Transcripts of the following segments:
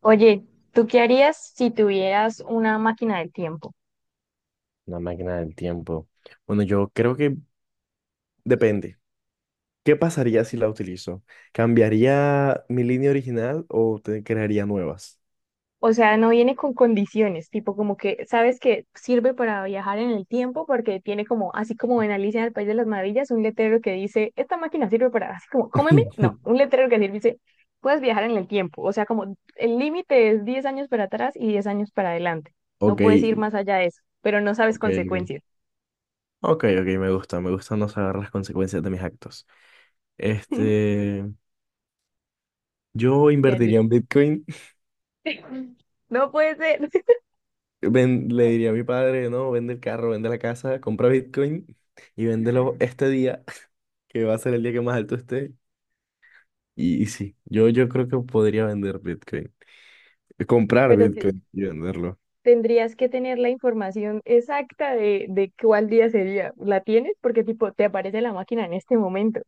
Oye, ¿tú qué harías si tuvieras una máquina del tiempo? Una máquina del tiempo. Bueno, yo creo que depende. ¿Qué pasaría si la utilizo? ¿Cambiaría mi línea original o te crearía nuevas? O sea, no viene con condiciones, tipo como que sabes que sirve para viajar en el tiempo porque tiene como, así como en Alicia en el País de las Maravillas, un letrero que dice, esta máquina sirve para, así como, cómeme, no, un letrero que sirve, dice, puedes viajar en el tiempo. O sea, como el límite es 10 años para atrás y 10 años para adelante. No Ok, puedes ir más allá de eso, pero no sabes ok, ok. consecuencias. Ok, ok, me gusta no saber las consecuencias de mis actos. Este, yo ¿Qué invertiría harías? en Bitcoin. No puede ser. Le diría a mi padre, no, vende el carro, vende la casa, compra Bitcoin y véndelo este día, que va a ser el día que más alto esté. Y sí, yo creo que podría vender Bitcoin. De comprar Pero Bitcoin y venderlo. tendrías que tener la información exacta de cuál día sería. ¿La tienes? Porque tipo, te aparece la máquina en este momento.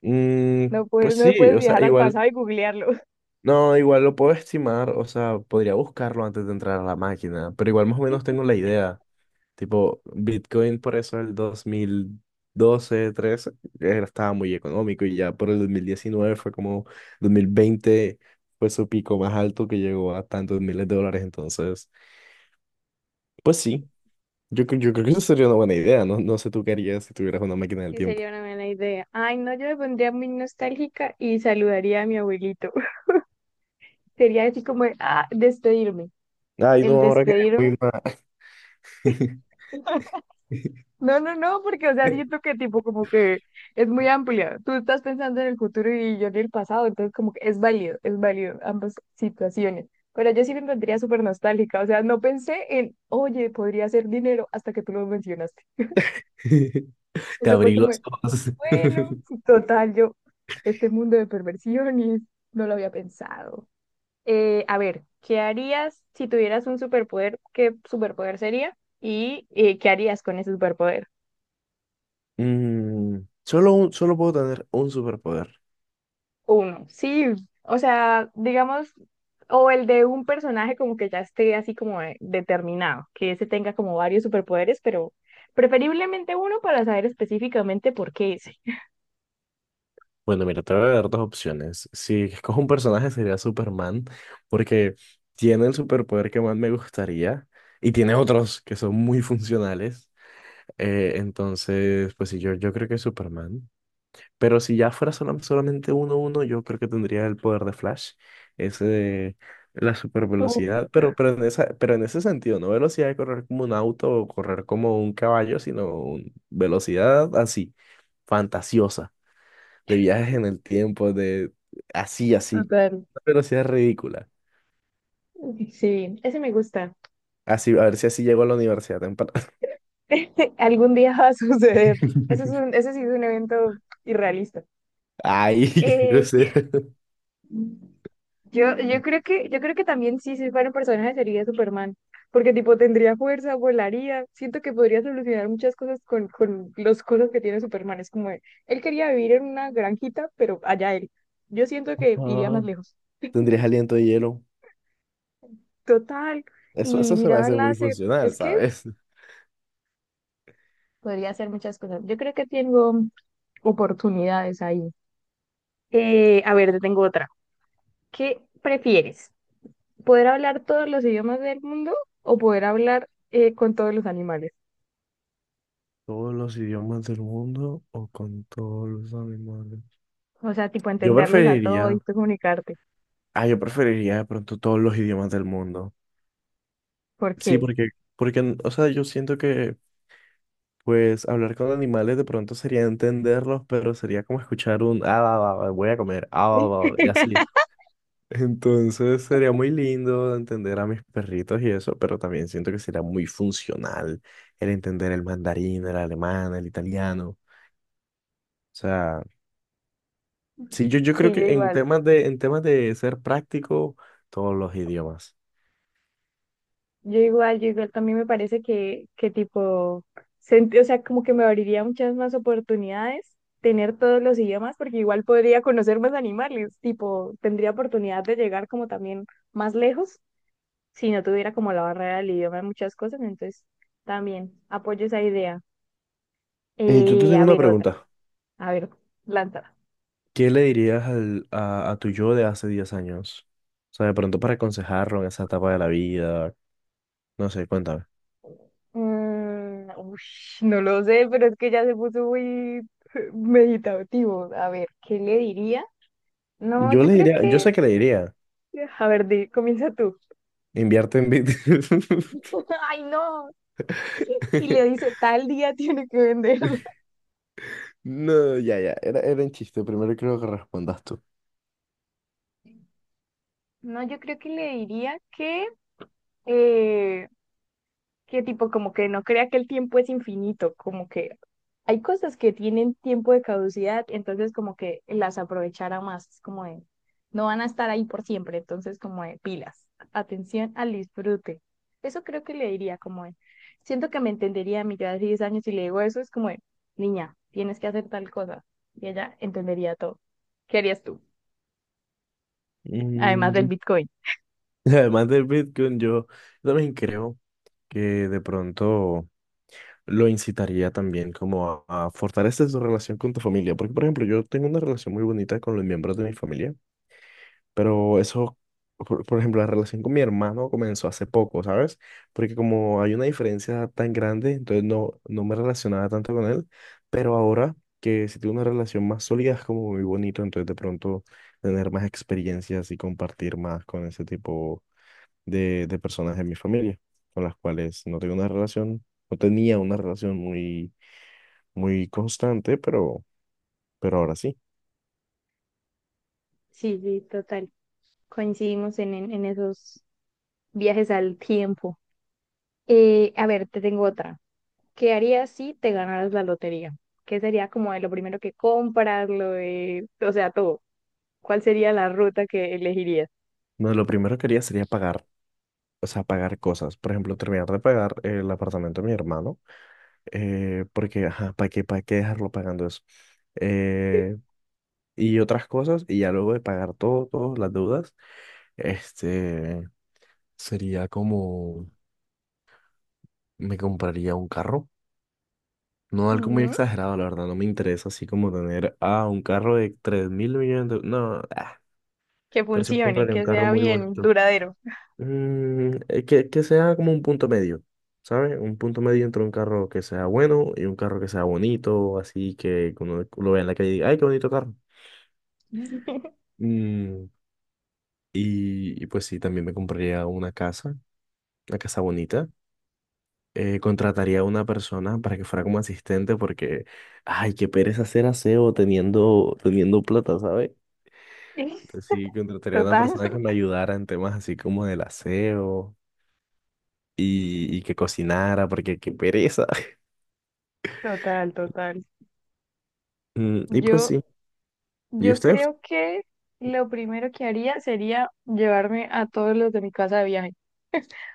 Mm, No pues puedes, no sí, puedes o sea, viajar al igual, pasado y googlearlo. no, igual lo puedo estimar. O sea, podría buscarlo antes de entrar a la máquina, pero igual más o menos tengo la idea. Tipo, Bitcoin, por eso el 2012, 13 estaba muy económico, y ya por el 2019 fue como 2020 fue su pico más alto que llegó a tantos miles de dólares. Entonces, pues sí, yo creo que eso sería una buena idea, ¿no? No sé tú qué harías si tuvieras una máquina del Sí, tiempo. sería una buena idea. Ay, no, yo me pondría muy nostálgica y saludaría a mi abuelito. Sería así como, ah, despedirme. Ay, no, El ahora que despedirme. muy mal. No, no, no, porque, o sea, siento que tipo como que es muy amplia. Tú estás pensando en el futuro y yo en el pasado, entonces como que es válido ambas situaciones. Pero yo sí me encontraría súper nostálgica, o sea, no pensé en, oye, podría ser dinero hasta que tú lo mencionaste. Te Eso fue abrí como, los de, ojos. bueno, total, yo, este mundo de perversiones, no lo había pensado. A ver, ¿qué harías si tuvieras un superpoder? ¿Qué superpoder sería? ¿Y qué harías con ese superpoder? Mm, solo puedo tener un superpoder. Uno, sí, o sea, digamos, o el de un personaje como que ya esté así como determinado, que ese tenga como varios superpoderes, pero preferiblemente uno para saber específicamente por qué ese. Bueno, mira, te voy a dar dos opciones. Si escojo un personaje, sería Superman, porque tiene el superpoder que más me gustaría y tiene otros que son muy funcionales. Entonces, pues sí, yo creo que es Superman. Pero si ya fuera solamente uno, yo creo que tendría el poder de Flash, ese de la super Uf, velocidad. Pero en ese sentido, no velocidad de correr como un auto o correr como un caballo, sino velocidad así, fantasiosa, de viajes en el tiempo, de así, así, total. una velocidad ridícula. Sí, ese me gusta. Así, a ver si así llego a la universidad temprano. Algún día va a suceder. Eso es un, ese sí es un evento irrealista. Ay, qué Eh, grosero. yo creo que también sí, si fuera un personaje sería Superman, porque tipo tendría fuerza, volaría, siento que podría solucionar muchas cosas con, los cosas que tiene Superman. Es como, él quería vivir en una granjita, pero allá él. Yo siento que iría más Ah, lejos. tendrías aliento de hielo. Total, Eso, y eso se me mirar hace muy láser, funcional, es que ¿sabes? podría hacer muchas cosas. Yo creo que tengo oportunidades ahí. A ver, te tengo otra. ¿Qué prefieres? ¿Poder hablar todos los idiomas del mundo o poder hablar con todos los animales? Todos los idiomas del mundo o con todos los animales. O sea, tipo Yo entenderlos a todos preferiría, y tú comunicarte. yo preferiría de pronto todos los idiomas del mundo. ¿Por Sí, qué? porque, o sea, yo siento que, pues, hablar con animales de pronto sería entenderlos, pero sería como escuchar un, ah, va, va, va, voy a comer, ah, va, va, va", y así. Entonces sería muy lindo entender a mis perritos y eso, pero también siento que sería muy funcional el entender el mandarín, el alemán, el italiano. O sea, sí, yo creo Sí, yo que en igual. temas de, en temas de ser práctico, todos los idiomas. Yo igual, yo igual. También me parece que, tipo, o sea, como que me abriría muchas más oportunidades tener todos los idiomas, porque igual podría conocer más animales. Tipo, tendría oportunidad de llegar como también más lejos si no tuviera como la barrera del idioma en muchas cosas. Entonces, también apoyo esa idea. Yo te tengo A una ver, otra. pregunta. A ver, lanza. ¿Qué le dirías a tu yo de hace 10 años? O sea, de pronto para aconsejarlo en esa etapa de la vida. No sé, cuéntame. Ush, no lo sé, pero es que ya se puso muy meditativo. A ver, ¿qué le diría? No, Yo yo le creo diría, yo que... sé que le diría, A ver, comienza tú. invierte en Bitcoin. Ay, no. Y le dice, tal día tiene que venderla. No, ya, ya, era un chiste. Primero creo que respondas tú. No, yo creo que le diría eh, que tipo como que no crea que el tiempo es infinito, como que hay cosas que tienen tiempo de caducidad, entonces como que las aprovechara más, es como de, no van a estar ahí por siempre, entonces como de pilas, atención al disfrute. Eso creo que le diría como de, siento que me entendería a mí yo de 10 años y le digo eso, es como de, niña, tienes que hacer tal cosa, y ella entendería todo. ¿Qué harías tú? Mm, Además del yo- Bitcoin. Además del Bitcoin, yo también creo que de pronto lo incitaría también como a fortalecer su relación con tu familia. Porque, por ejemplo, yo tengo una relación muy bonita con los miembros de mi familia, pero eso, por ejemplo, la relación con mi hermano comenzó hace poco, ¿sabes? Porque como hay una diferencia tan grande, entonces no, no me relacionaba tanto con él, pero ahora que si tengo una relación más sólida es como muy bonito. Entonces de pronto tener más experiencias y compartir más con ese tipo de personas de mi familia, con las cuales no tengo una relación, no tenía una relación muy muy constante, pero ahora sí. Sí, sí, total. Coincidimos en esos viajes al tiempo. A ver, te tengo otra. ¿Qué harías si te ganaras la lotería? ¿Qué sería como de lo primero que compras, lo de, o sea, todo? ¿Cuál sería la ruta que elegirías? No, lo primero que haría sería pagar, o sea, pagar cosas. Por ejemplo, terminar de pagar el apartamento de mi hermano, porque, ajá, para qué dejarlo pagando eso? Eh, y otras cosas, y ya luego de pagar todo, todas las deudas, este, sería como, me compraría un carro. No algo muy Ujú. exagerado, la verdad, no me interesa así como tener, un carro de 3.000 millones de. No, Que pero sí me funcione, compraría un que carro sea muy bien bonito. duradero. Que sea como un punto medio, ¿sabes? Un punto medio entre un carro que sea bueno y un carro que sea bonito, así que uno lo vea en la calle y diga, ¡ay, qué bonito carro! Mm, y pues sí, también me compraría una casa bonita. Contrataría a una persona para que fuera como asistente porque, ay, qué pereza hacer aseo teniendo, teniendo plata, ¿sabes? Entonces sí, contrataría a una Total, persona que me ayudara en temas así como del aseo y que cocinara porque qué pereza. total, total. Y pues Yo, sí, ¿y yo ustedes? creo que lo primero que haría sería llevarme a todos los de mi casa de viaje.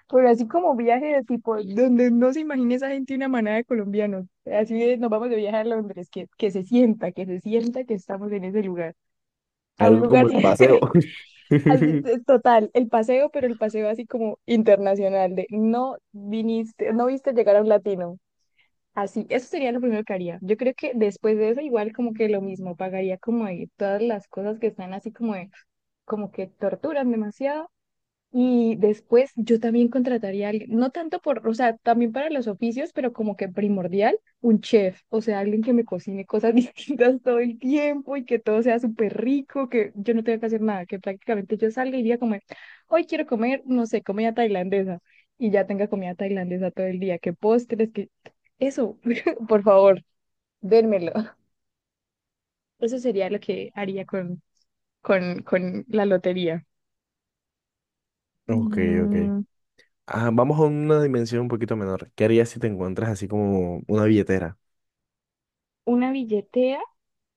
Pero así como viaje de tipo, donde no se imagine esa gente una manada de colombianos. Así de, nos vamos de viaje a Londres, que, se sienta, que se sienta que estamos en ese lugar. A un Algo lugar como el paseo. así, es total, el paseo, pero el paseo así como internacional, de no viniste, no viste llegar a un latino. Así, eso sería lo primero que haría. Yo creo que después de eso, igual como que lo mismo, pagaría como de todas las cosas que están así como de, como que torturan demasiado y después yo también contrataría a alguien, no tanto por, o sea, también para los oficios, pero como que primordial, un chef, o sea, alguien que me cocine cosas distintas todo el tiempo y que todo sea súper rico, que yo no tenga que hacer nada, que prácticamente yo salga y diga como, hoy quiero comer, no sé, comida tailandesa, y ya tenga comida tailandesa todo el día, que postres, que eso, por favor, dérmelo. Eso sería lo que haría con, con la lotería. Ok, ok. Mm, Ah, vamos a una dimensión un poquito menor. ¿Qué harías si te encuentras así como una billetera? una billetera.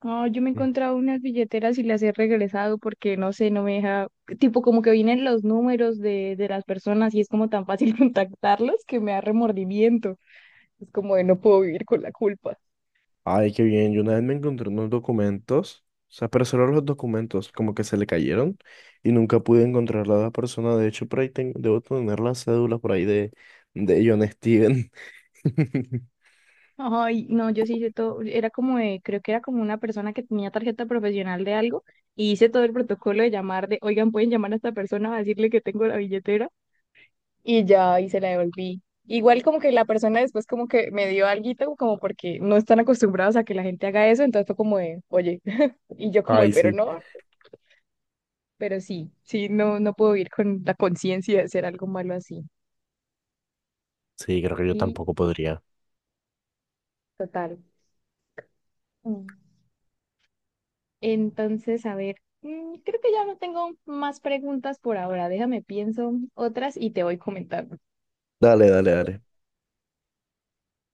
Ah, yo me he Mm. encontrado unas billeteras y las he regresado porque no sé, no me deja, tipo como que vienen los números de las personas y es como tan fácil contactarlos que me da remordimiento. Es como de no puedo vivir con la culpa. Ay, qué bien. Yo una vez me encontré unos documentos, o sea, pero solo los documentos, como que se le cayeron y nunca pude encontrar a la persona. De hecho, por ahí debo tener la cédula por ahí de John Steven. Ay, no, yo sí hice todo, era como de, creo que era como una persona que tenía tarjeta profesional de algo y hice todo el protocolo de llamar de, oigan, pueden llamar a esta persona a decirle que tengo la billetera y ya, y se la devolví. Igual como que la persona después como que me dio alguito, como porque no están acostumbrados a que la gente haga eso, entonces fue como de, oye, y yo como de, Ay, pero sí. no, pero sí, sí, no, no puedo ir con la conciencia de hacer algo malo así. Sí, creo que yo Y tampoco podría. total. mm, Entonces, a ver, creo que ya no tengo más preguntas por ahora, déjame pienso otras y te voy comentando. Dale, dale, dale.